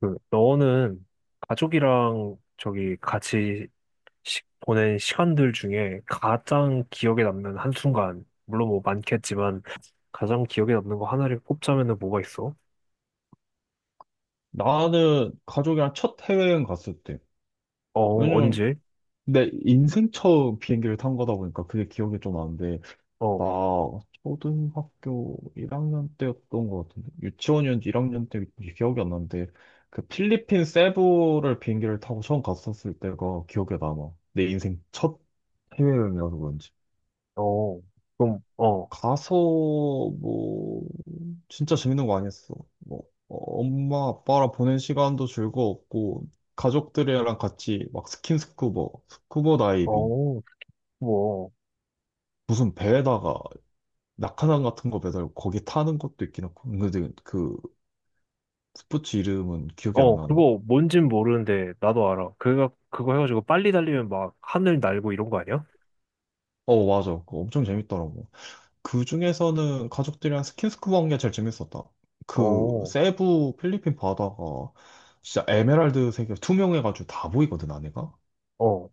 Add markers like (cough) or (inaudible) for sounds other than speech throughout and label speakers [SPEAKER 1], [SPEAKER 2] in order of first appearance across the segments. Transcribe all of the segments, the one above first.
[SPEAKER 1] 너는 가족이랑 저기 같이 보낸 시간들 중에 가장 기억에 남는 한순간, 물론 뭐 많겠지만, 가장 기억에 남는 거 하나를 꼽자면은 뭐가 있어?
[SPEAKER 2] 나는 가족이랑 첫 해외여행 갔을 때.
[SPEAKER 1] 어,
[SPEAKER 2] 왜냐면
[SPEAKER 1] 언제?
[SPEAKER 2] 내 인생 처음 비행기를 탄 거다 보니까 그게 기억이 좀 나는데,
[SPEAKER 1] 어,
[SPEAKER 2] 나 초등학교 1학년 때였던 것 같은데, 유치원이었는지 1학년 때 기억이 안 나는데, 그 필리핀 세부를 비행기를 타고 처음 갔었을 때가 기억에 남아. 내 인생 첫 해외여행이라서 그런지.
[SPEAKER 1] 어, 그럼, 어,
[SPEAKER 2] 가서 뭐 진짜 재밌는 거 아니었어. 뭐 엄마 아빠랑 보낸 시간도 즐거웠고 가족들이랑 같이 막 스킨스쿠버, 스쿠버 다이빙
[SPEAKER 1] 어, 뭐,
[SPEAKER 2] 무슨 배에다가 낙하산 같은 거 매달고 거기 타는 것도 있긴 하고 근데 그 스포츠 이름은 기억이 안
[SPEAKER 1] 어,
[SPEAKER 2] 나네.
[SPEAKER 1] 그거 뭔진 모르는데, 나도 알아. 그거 해가지고 빨리 달리면 막 하늘 날고 이런 거 아니야?
[SPEAKER 2] 어 맞아. 그거 엄청 재밌더라고. 그 중에서는 가족들이랑 스킨스쿠버 한 게 제일 재밌었다. 그
[SPEAKER 1] 어,
[SPEAKER 2] 세부 필리핀 바다가 진짜 에메랄드색이 투명해가지고 다 보이거든 안에가.
[SPEAKER 1] 어,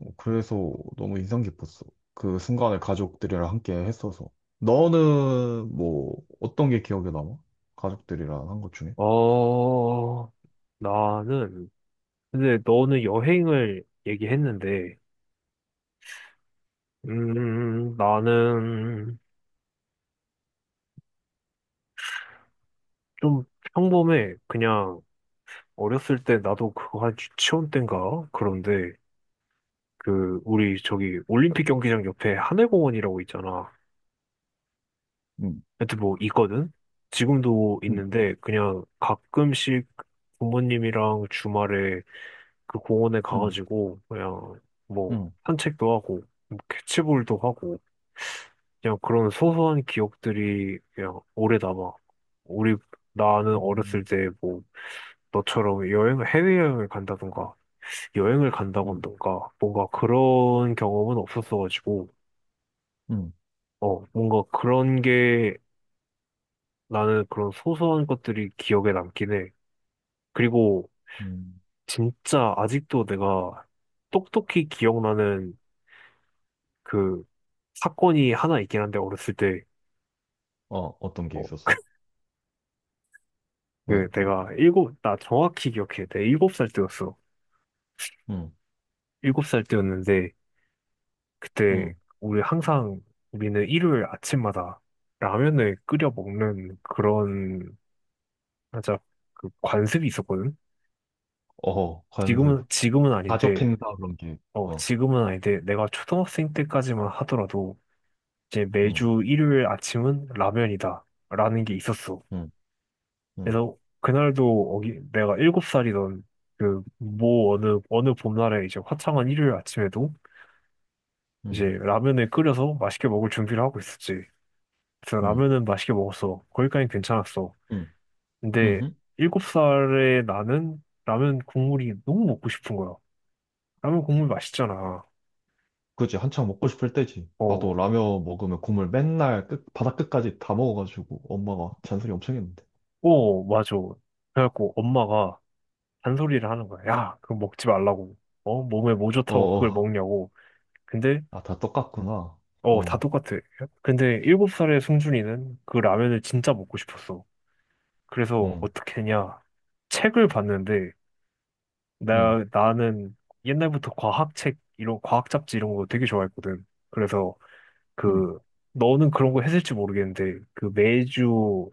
[SPEAKER 2] 어, 그래서 너무 인상 깊었어. 그 순간을 가족들이랑 함께 했어서. 너는 뭐 어떤 게 기억에 남아? 가족들이랑 한 것 중에?
[SPEAKER 1] 어, 나는, 근데 너는 여행을 얘기했는데, 나는 좀 평범해. 그냥 어렸을 때 나도 그거 한 유치원 땐가? 그런데 그 우리 저기 올림픽 경기장 옆에 하늘공원이라고 있잖아.
[SPEAKER 2] 응
[SPEAKER 1] 하여튼 뭐 있거든? 지금도
[SPEAKER 2] 응
[SPEAKER 1] 있는데 그냥 가끔씩 부모님이랑 주말에 그 공원에
[SPEAKER 2] 응
[SPEAKER 1] 가가지고 그냥 뭐
[SPEAKER 2] 응
[SPEAKER 1] 산책도 하고 뭐 캐치볼도 하고 그냥 그런 소소한 기억들이 그냥 오래 남아. 우리, 나는 어렸을
[SPEAKER 2] 음,
[SPEAKER 1] 때 뭐, 너처럼 해외여행을 간다던가, 여행을
[SPEAKER 2] 응
[SPEAKER 1] 간다던가, 뭔가 그런 경험은 없었어가지고,
[SPEAKER 2] 응
[SPEAKER 1] 어, 뭔가 그런 게 나는 그런 소소한 것들이 기억에 남긴 해. 그리고
[SPEAKER 2] 음.
[SPEAKER 1] 진짜 아직도 내가 똑똑히 기억나는 그 사건이 하나 있긴 한데, 어렸을 때,
[SPEAKER 2] 어, 어떤 게
[SPEAKER 1] 어,
[SPEAKER 2] 있었어? 왜?
[SPEAKER 1] 나 정확히 기억해. 내가 일곱 살 때였어.
[SPEAKER 2] 응
[SPEAKER 1] 일곱 살 때였는데 그때
[SPEAKER 2] 응
[SPEAKER 1] 우리 항상 우리는 일요일 아침마다 라면을 끓여 먹는 그런 하자 그 관습이 있었거든.
[SPEAKER 2] 어, 관습,
[SPEAKER 1] 지금은 지금은 아닌데
[SPEAKER 2] 가족 행사 그런 게, 어,
[SPEAKER 1] 지금은 아닌데 내가 초등학생 때까지만 하더라도 이제
[SPEAKER 2] 응 응
[SPEAKER 1] 매주 일요일 아침은 라면이다라는 게 있었어. 그래서
[SPEAKER 2] 응
[SPEAKER 1] 그날도 어기 내가 일곱 살이던 그 뭐 어느 봄날에 이제 화창한 일요일 아침에도 이제
[SPEAKER 2] 응
[SPEAKER 1] 라면을 끓여서 맛있게 먹을 준비를 하고 있었지. 그래서
[SPEAKER 2] 응
[SPEAKER 1] 라면은 맛있게 먹었어. 거기까지 괜찮았어.
[SPEAKER 2] 응응
[SPEAKER 1] 근데 일곱 살에 나는 라면 국물이 너무 먹고 싶은 거야. 라면 국물 맛있잖아.
[SPEAKER 2] 그지 한창 먹고 싶을 때지. 나도
[SPEAKER 1] 어,
[SPEAKER 2] 라면 먹으면 국물 맨날 끝, 바닥 끝까지 다 먹어가지고 엄마가 잔소리 엄청 했는데.
[SPEAKER 1] 어, 맞아. 그래갖고 엄마가 잔소리를 하는 거야. 야, 그거 먹지 말라고. 어, 몸에 뭐
[SPEAKER 2] 어,
[SPEAKER 1] 좋다고 그걸
[SPEAKER 2] 어.
[SPEAKER 1] 먹냐고. 근데,
[SPEAKER 2] 아, 다 똑같구나.
[SPEAKER 1] 어, 다
[SPEAKER 2] 어,
[SPEAKER 1] 똑같아. 근데 일곱 살의 승준이는 그 라면을 진짜 먹고 싶었어. 그래서
[SPEAKER 2] 응,
[SPEAKER 1] 어떻게 했냐. 책을 봤는데
[SPEAKER 2] 응,
[SPEAKER 1] 나는 옛날부터 과학책, 이런, 과학 잡지 이런 거 되게 좋아했거든. 그래서
[SPEAKER 2] 응,
[SPEAKER 1] 그, 너는 그런 거 했을지 모르겠는데, 그 매주,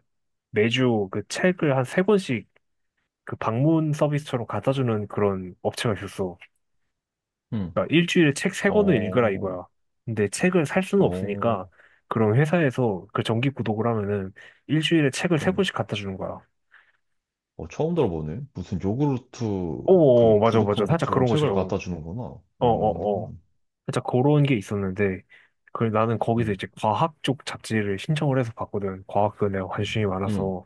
[SPEAKER 1] 매주 그 책을 한 세 권씩 그 방문 서비스처럼 갖다 주는 그런 업체가 있었어.
[SPEAKER 2] 응.
[SPEAKER 1] 그러니까 일주일에 책 세 권을 읽으라
[SPEAKER 2] 어,
[SPEAKER 1] 이거야. 근데 책을 살 수는
[SPEAKER 2] 어,
[SPEAKER 1] 없으니까, 그런 회사에서 그 정기 구독을 하면은 일주일에 책을 세
[SPEAKER 2] 응.
[SPEAKER 1] 권씩 갖다 주는 거야.
[SPEAKER 2] 어, 처음 들어보네. 무슨 요구르트
[SPEAKER 1] 어 어, 어,
[SPEAKER 2] 그
[SPEAKER 1] 맞아, 맞아.
[SPEAKER 2] 구독한
[SPEAKER 1] 살짝
[SPEAKER 2] 것처럼
[SPEAKER 1] 그런 거
[SPEAKER 2] 책을
[SPEAKER 1] 싫어.
[SPEAKER 2] 갖다 주는구나.
[SPEAKER 1] 어어어. 살짝 그런 게 있었는데, 그 나는 거기서
[SPEAKER 2] 응,
[SPEAKER 1] 이제 과학 쪽 잡지를 신청을 해서 봤거든. 과학도 내가
[SPEAKER 2] 응,
[SPEAKER 1] 관심이
[SPEAKER 2] 응,
[SPEAKER 1] 많아서.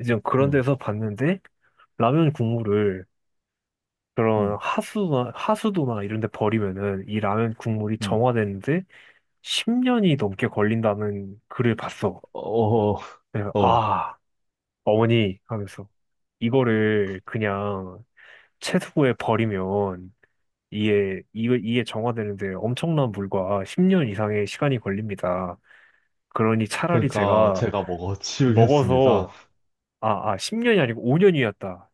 [SPEAKER 1] 이제 그런 데서 봤는데, 라면 국물을
[SPEAKER 2] 응,
[SPEAKER 1] 그런 하수도나 이런 데 버리면은 이 라면 국물이
[SPEAKER 2] 응.
[SPEAKER 1] 정화되는데 10년이 넘게 걸린다는 글을 봤어.
[SPEAKER 2] 어,
[SPEAKER 1] 그래서
[SPEAKER 2] 어.
[SPEAKER 1] 아, 어머니 하면서 이거를 그냥 채소에 버리면 이게 정화되는데 엄청난 물과 10년 이상의 시간이 걸립니다. 그러니 차라리
[SPEAKER 2] 그러니까
[SPEAKER 1] 제가
[SPEAKER 2] 제가 먹어 치우겠습니다.
[SPEAKER 1] 먹어서, 아, 아, 10년이 아니고 5년이었다.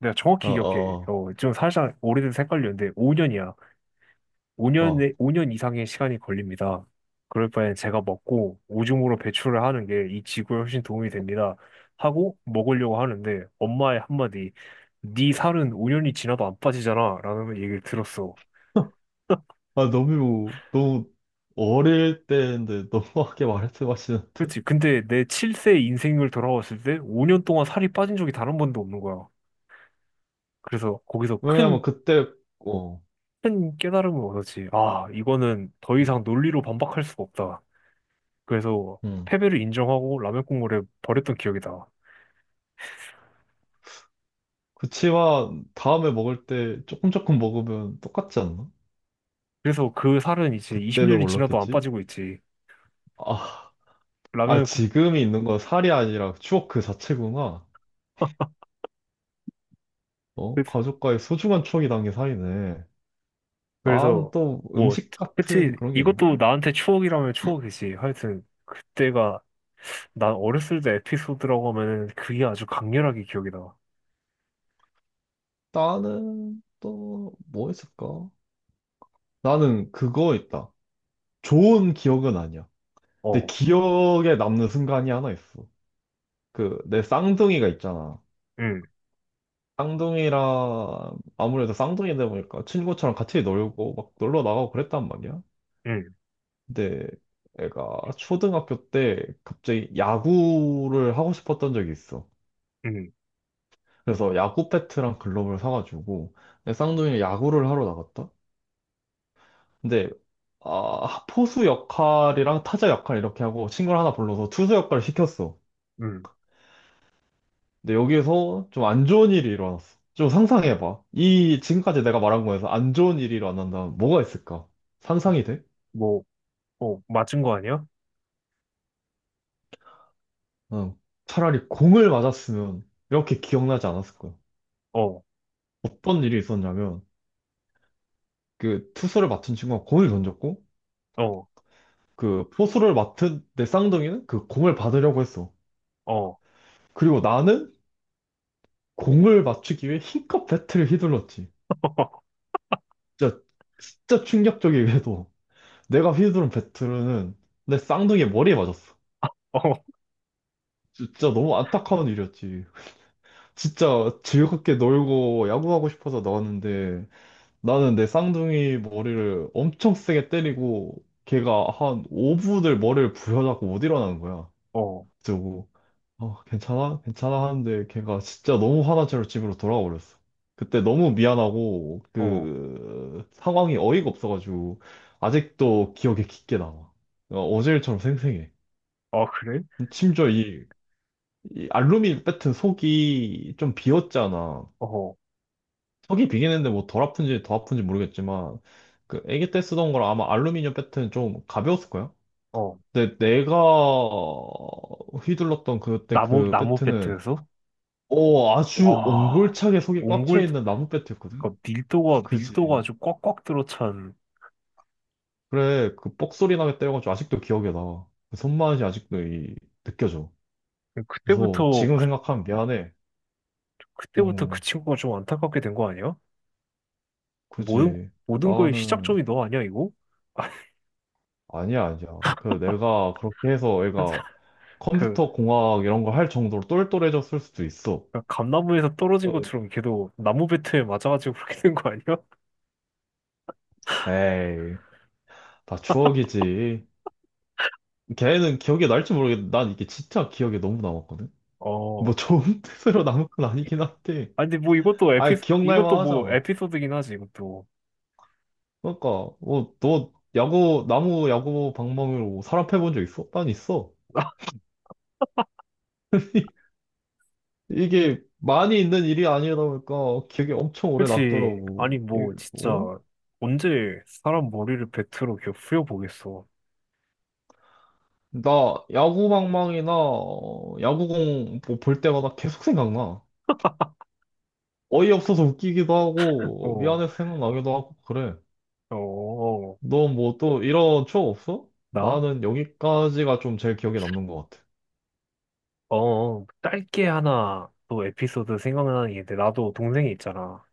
[SPEAKER 1] 내가
[SPEAKER 2] 어,
[SPEAKER 1] 정확히 기억해.
[SPEAKER 2] 어,
[SPEAKER 1] 어, 좀 살짝 오래돼서 헷갈렸는데, 5년이야. 5년, 오
[SPEAKER 2] 어.
[SPEAKER 1] 년 오 년 이상의 시간이 걸립니다. 그럴 바엔 제가 먹고 오줌으로 배출을 하는 게 이 지구에 훨씬 도움이 됩니다. 하고 먹으려고 하는데, 엄마의 한마디, 네 살은 5년이 지나도 안 빠지잖아. 라는 얘기를 들었어.
[SPEAKER 2] (laughs) 아, 너무, 너무 어릴 때인데 너무하게 말씀하시는데?
[SPEAKER 1] 그치. 근데 내 7세 인생을 돌아봤을 때 5년 동안 살이 빠진 적이 단 한 번도 없는 거야. 그래서 거기서
[SPEAKER 2] 왜냐면
[SPEAKER 1] 큰
[SPEAKER 2] 그때, 어.
[SPEAKER 1] 큰 깨달음을 얻었지. 아, 이거는 더
[SPEAKER 2] 응.
[SPEAKER 1] 이상 논리로 반박할 수가 없다. 그래서
[SPEAKER 2] 응.
[SPEAKER 1] 패배를 인정하고 라면 국물에 버렸던 기억이다.
[SPEAKER 2] 그치와 다음에 먹을 때 조금 조금 먹으면 똑같지 않나?
[SPEAKER 1] 그래서 그 살은 이제
[SPEAKER 2] 그때는
[SPEAKER 1] 20년이 지나도 안
[SPEAKER 2] 몰랐겠지?
[SPEAKER 1] 빠지고 있지.
[SPEAKER 2] 아, 아
[SPEAKER 1] 라면 국,
[SPEAKER 2] 지금이 있는 건 살이 아니라 추억 그 자체구나.
[SPEAKER 1] (laughs)
[SPEAKER 2] 어?
[SPEAKER 1] 그래서
[SPEAKER 2] 가족과의 소중한 추억이 담긴 살이네. 난
[SPEAKER 1] 그래서
[SPEAKER 2] 또
[SPEAKER 1] 뭐,
[SPEAKER 2] 음식
[SPEAKER 1] 그치.
[SPEAKER 2] 같은 그런 게 있나?
[SPEAKER 1] 이것도 나한테 추억이라면 추억이지. 하여튼, 그때가 난 어렸을 때 에피소드라고 하면은 그게 아주 강렬하게 기억이다.
[SPEAKER 2] 나는 또 뭐 있을까? 나는 그거 있다. 좋은 기억은 아니야. 내
[SPEAKER 1] 어,
[SPEAKER 2] 기억에 남는 순간이 하나 있어. 그 내 쌍둥이가 있잖아.
[SPEAKER 1] 응,
[SPEAKER 2] 쌍둥이랑 아무래도 쌍둥이다 보니까 친구처럼 같이 놀고 막 놀러 나가고 그랬단 말이야.
[SPEAKER 1] 응,
[SPEAKER 2] 근데 애가 초등학교 때 갑자기 야구를 하고 싶었던 적이 있어.
[SPEAKER 1] 응,
[SPEAKER 2] 그래서 야구 배트랑 글러브를 사가지고 내 쌍둥이는 야구를 하러 나갔다. 근데 아, 포수 역할이랑 타자 역할 이렇게 하고 친구를 하나 불러서 투수 역할을 시켰어.
[SPEAKER 1] 응.
[SPEAKER 2] 근데 여기서 좀 안 좋은 일이 일어났어. 좀 상상해봐. 이 지금까지 내가 말한 거에서 안 좋은 일이 일어난다면 뭐가 있을까? 상상이 돼?
[SPEAKER 1] 뭐, 어, 맞은 거 아니야?
[SPEAKER 2] 응. 차라리 공을 맞았으면 이렇게 기억나지 않았을 거야.
[SPEAKER 1] 어,
[SPEAKER 2] 어떤 일이 있었냐면 그 투수를 맡은 친구가 공을 던졌고
[SPEAKER 1] 어,
[SPEAKER 2] 그 포수를 맡은 내 쌍둥이는 그 공을 받으려고 했어.
[SPEAKER 1] 어,
[SPEAKER 2] 그리고 나는 공을 맞추기 위해 힘껏 배트를 휘둘렀지.
[SPEAKER 1] (laughs)
[SPEAKER 2] 진짜 진짜 충격적이게도 내가 휘두른 배트는 내 쌍둥이의 머리에 맞았어.
[SPEAKER 1] 어.
[SPEAKER 2] 진짜 너무 안타까운 일이었지. 진짜 즐겁게 놀고 야구하고 싶어서 나왔는데 나는 내 쌍둥이 머리를 엄청 세게 때리고 걔가 한 5분을 머리를 부여잡고 못 일어나는 거야.
[SPEAKER 1] 어.
[SPEAKER 2] 그래서 어, 괜찮아? 괜찮아 하는데 걔가 진짜 너무 화난 채로 집으로 돌아와 버렸어. 그때 너무 미안하고
[SPEAKER 1] 어,
[SPEAKER 2] 그 상황이 어이가 없어가지고 아직도 기억에 깊게 남아. 어, 어제 일처럼 생생해.
[SPEAKER 1] 아, 그래?
[SPEAKER 2] 심지어 이 알루미 늄 배트 속이 좀 비었잖아.
[SPEAKER 1] 어,
[SPEAKER 2] 속이 비긴 했는데 뭐 덜 아픈지 더 아픈지 모르겠지만 그 아기 때 쓰던 거랑 아마 알루미늄 배트는 좀 가벼웠을 거야.
[SPEAKER 1] 어,
[SPEAKER 2] 근데 내가 휘둘렀던 그때
[SPEAKER 1] 나무,
[SPEAKER 2] 그
[SPEAKER 1] 나무
[SPEAKER 2] 배트는
[SPEAKER 1] 배트에서?
[SPEAKER 2] 어 아주
[SPEAKER 1] 와,
[SPEAKER 2] 옹골차게 속이 꽉 차
[SPEAKER 1] 옹골,
[SPEAKER 2] 있는 나무 배트였거든.
[SPEAKER 1] 그 밀도가,
[SPEAKER 2] 그지.
[SPEAKER 1] 밀도가 아주 꽉꽉 들어찬,
[SPEAKER 2] 그래 그 뻑소리 나게 때려가지고 아직도 기억에 나. 그 손맛이 아직도 이, 느껴져. 그래서
[SPEAKER 1] 그때부터,
[SPEAKER 2] 지금
[SPEAKER 1] 그,
[SPEAKER 2] 생각하면 미안해.
[SPEAKER 1] 그때부터 그
[SPEAKER 2] 어
[SPEAKER 1] 친구가 좀 안타깝게 된 거 아니야? 모든,
[SPEAKER 2] 그지.
[SPEAKER 1] 모든 거의
[SPEAKER 2] 나는
[SPEAKER 1] 시작점이 너 아니야, 이거?
[SPEAKER 2] 아니야, 아니야. 그 내가 그렇게 해서 애가
[SPEAKER 1] (laughs) 그,
[SPEAKER 2] 컴퓨터 공학 이런 거 할 정도로 똘똘해졌을 수도 있어.
[SPEAKER 1] 그 감나무에서 떨어진
[SPEAKER 2] 어.
[SPEAKER 1] 것처럼 걔도 나무 배트에 맞아가지고 그렇게 된 거 아니야?
[SPEAKER 2] 에이, 다 추억이지. 걔는 기억이 날지 모르겠는데 난 이게 진짜 기억에 너무 남았거든. 뭐
[SPEAKER 1] 어,
[SPEAKER 2] 좋은 (laughs) 뜻으로 남은 건 아니긴 한데.
[SPEAKER 1] 아니, 근데 뭐 이것도
[SPEAKER 2] 아이 기억날
[SPEAKER 1] 이것도 뭐
[SPEAKER 2] 만하잖아.
[SPEAKER 1] 에피소드긴 하지, 이것도.
[SPEAKER 2] 그러니까 뭐 너 야구 나무 야구 방망이로 사람 패본 적 있어? 난 있어. (laughs) 이게 많이 있는 일이 아니다 보니까 기억에 엄청 오래
[SPEAKER 1] 그치.
[SPEAKER 2] 남더라고.
[SPEAKER 1] 아니,
[SPEAKER 2] 이-
[SPEAKER 1] 뭐, 진짜,
[SPEAKER 2] 어?
[SPEAKER 1] 언제 사람 머리를 팩트로 이렇게 후려보겠어.
[SPEAKER 2] 나 야구방망이나 어, 야구공 뭐볼 때마다 계속 생각나. 어이없어서 웃기기도 하고
[SPEAKER 1] 어,
[SPEAKER 2] 미안해서 생각나기도 하고 그래.
[SPEAKER 1] 어, 어,
[SPEAKER 2] 너 뭐 또 이런 추억 없어?
[SPEAKER 1] 나?
[SPEAKER 2] 나는 여기까지가 좀 제일 기억에 남는 것 같아.
[SPEAKER 1] 어, 어. 짧게 하나 또 에피소드 생각나는 게 있는데, 나도 동생이 있잖아.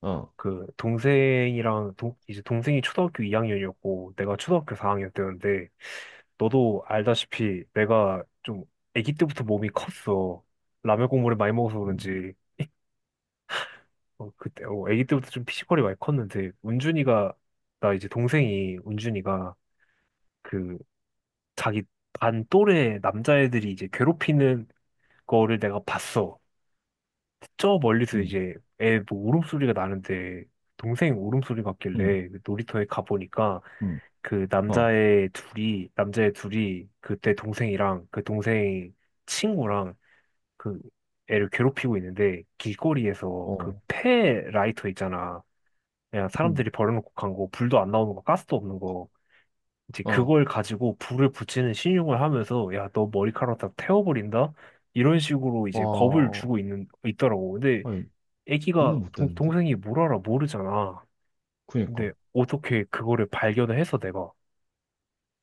[SPEAKER 2] 어,
[SPEAKER 1] 이제 동생이 초등학교 2학년이었고, 내가 초등학교 4학년 때였는데, 너도 알다시피 내가 좀 아기 때부터 몸이 컸어. 라면 국물을 많이 먹어서
[SPEAKER 2] 음,
[SPEAKER 1] 그런지. 어, 그때, 어, 아기 때부터 좀 피지컬이 많이 컸는데, 운준이가, 나 이제 동생이, 운준이가, 그, 자기 반 또래 남자애들이 이제 괴롭히는 거를 내가 봤어. 저 멀리서
[SPEAKER 2] 음,
[SPEAKER 1] 이제 애뭐 울음소리가 나는데, 동생 울음소리
[SPEAKER 2] 음,
[SPEAKER 1] 같길래 놀이터에 가보니까,
[SPEAKER 2] 음,
[SPEAKER 1] 그
[SPEAKER 2] 어,
[SPEAKER 1] 남자애 둘이, 그때 동생이랑, 그 동생 친구랑, 그 애를 괴롭히고 있는데, 길거리에서 그
[SPEAKER 2] 어,
[SPEAKER 1] 폐 라이터 있잖아. 그냥
[SPEAKER 2] 음,
[SPEAKER 1] 사람들이 버려놓고 간 거, 불도 안 나오는 거, 가스도 없는 거. 이제
[SPEAKER 2] 어,
[SPEAKER 1] 그걸 가지고 불을 붙이는 신용을 하면서, 야, 너 머리카락 다 태워버린다? 이런 식으로 이제 겁을 주고
[SPEAKER 2] 와,
[SPEAKER 1] 있더라고. 근데
[SPEAKER 2] 아니, 너무
[SPEAKER 1] 애기가,
[SPEAKER 2] 못됐는데?
[SPEAKER 1] 동생이 뭘 알아, 모르잖아. 근데
[SPEAKER 2] 그니까,
[SPEAKER 1] 어떻게 그거를 발견을 해서 내가.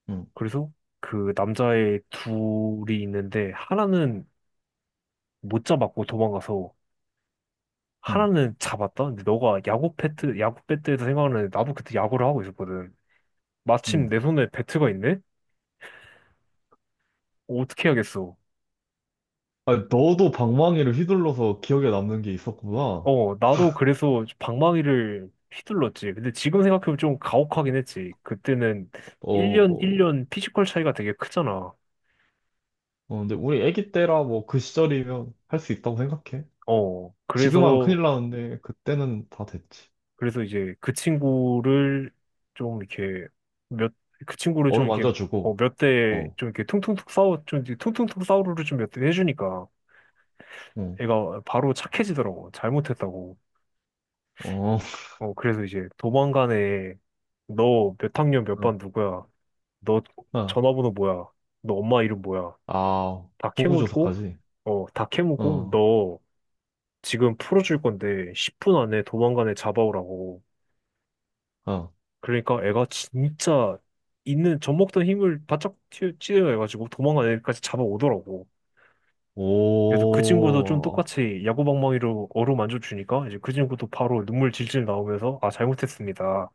[SPEAKER 2] 응
[SPEAKER 1] 그래서 그 남자의 둘이 있는데, 하나는 못 잡았고 도망가서,
[SPEAKER 2] 응
[SPEAKER 1] 하나는 잡았다? 근데 너가 야구 배트에서 생각하는, 나도 그때 야구를 하고 있었거든. 마침
[SPEAKER 2] 응
[SPEAKER 1] 내 손에 배트가 있네? 어떻게 해야겠어?
[SPEAKER 2] 아니, 너도 방망이를 휘둘러서 기억에 남는 게 있었구나.
[SPEAKER 1] 어, 나도 그래서 방망이를 휘둘렀지. 근데 지금 생각해보면 좀 가혹하긴 했지. 그때는 1년,
[SPEAKER 2] 어,
[SPEAKER 1] 1년 피지컬 차이가 되게 크잖아.
[SPEAKER 2] 어, 근데 우리 애기 때라 뭐 그 시절이면 할 수 있다고 생각해.
[SPEAKER 1] 어,
[SPEAKER 2] 지금 하면
[SPEAKER 1] 그래서,
[SPEAKER 2] 큰일 나는데 그때는 다 됐지.
[SPEAKER 1] 그래서 이제 그 친구를 좀 이렇게 몇, 그 친구를 좀
[SPEAKER 2] 어루
[SPEAKER 1] 이렇게 어,
[SPEAKER 2] 만져주고,
[SPEAKER 1] 몇 대
[SPEAKER 2] 어,
[SPEAKER 1] 좀 이렇게 퉁퉁퉁 싸우루를 좀 몇 대 해주니까
[SPEAKER 2] 어,
[SPEAKER 1] 애가 바로 착해지더라고. 잘못했다고.
[SPEAKER 2] 어,
[SPEAKER 1] 어, 그래서 이제 도망간에 너 몇 학년 몇
[SPEAKER 2] (laughs) 어,
[SPEAKER 1] 반 누구야? 너
[SPEAKER 2] 어.
[SPEAKER 1] 전화번호 뭐야? 너 엄마 이름 뭐야?
[SPEAKER 2] 아,
[SPEAKER 1] 다
[SPEAKER 2] 호구
[SPEAKER 1] 캐묻고,
[SPEAKER 2] 조사까지.
[SPEAKER 1] 다 캐묻고,
[SPEAKER 2] 어,
[SPEAKER 1] 너 지금 풀어줄 건데 10분 안에 도망간에 잡아오라고.
[SPEAKER 2] 어,
[SPEAKER 1] 그러니까 애가 진짜 있는 젖먹던 힘을 바짝 찌려가지고 도망간 애까지 잡아오더라고. 그래서 그 친구도 좀
[SPEAKER 2] 오,
[SPEAKER 1] 똑같이 야구방망이로 어루만져 주니까 이제 그 친구도 바로 눈물 질질 나오면서 아, 잘못했습니다.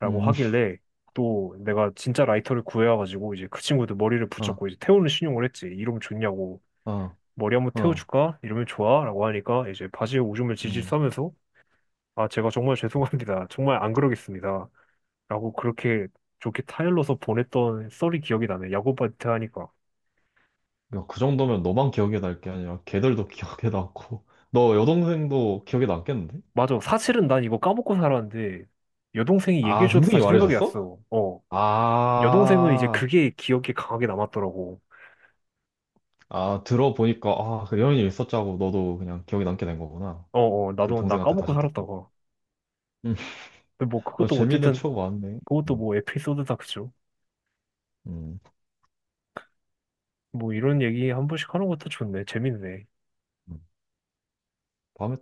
[SPEAKER 1] 라고
[SPEAKER 2] 음,
[SPEAKER 1] 하길래 또 내가 진짜 라이터를 구해와가지고 이제 그 친구도 머리를
[SPEAKER 2] 어,
[SPEAKER 1] 붙잡고 이제 태우는 신용을 했지. 이러면 좋냐고.
[SPEAKER 2] 어,
[SPEAKER 1] 머리 한번
[SPEAKER 2] 어,
[SPEAKER 1] 태워줄까? 이러면 좋아? 라고 하니까 이제 바지에 오줌을 질질
[SPEAKER 2] 음.
[SPEAKER 1] 싸면서 아, 제가 정말 (laughs) 죄송합니다. 정말 안 그러겠습니다. 라고 그렇게 좋게 타일러서 보냈던 썰이 기억이 나네. 야구바이트 하니까.
[SPEAKER 2] 야, 그 정도면 너만 기억에 날 게 아니라 걔들도 (laughs) 기억에 남고, 너 여동생도 기억에 남겠는데?
[SPEAKER 1] 맞아. 사실은 난 이거 까먹고 살았는데 여동생이
[SPEAKER 2] 아,
[SPEAKER 1] 얘기해줘서
[SPEAKER 2] 동생이
[SPEAKER 1] 다시 생각이
[SPEAKER 2] 말해줬어?
[SPEAKER 1] 났어. 어. 여동생은 이제
[SPEAKER 2] 아,
[SPEAKER 1] 그게 기억에 강하게 남았더라고.
[SPEAKER 2] 아, 들어보니까, 아, 그 이런 일 있었자고 너도 그냥 기억에 남게 된 거구나.
[SPEAKER 1] 어어.
[SPEAKER 2] 그
[SPEAKER 1] 나도 나
[SPEAKER 2] 동생한테
[SPEAKER 1] 까먹고
[SPEAKER 2] 다시 듣고.
[SPEAKER 1] 살았다가.
[SPEAKER 2] 음,
[SPEAKER 1] 근데 뭐
[SPEAKER 2] 어,
[SPEAKER 1] 그것도
[SPEAKER 2] 재밌는
[SPEAKER 1] 어쨌든
[SPEAKER 2] 추억 많네.
[SPEAKER 1] 그것도
[SPEAKER 2] 음,
[SPEAKER 1] 뭐 에피소드다 그죠?
[SPEAKER 2] 음,
[SPEAKER 1] 뭐 이런 얘기 한 번씩 하는 것도 좋네. 재밌네.
[SPEAKER 2] 음. 다음에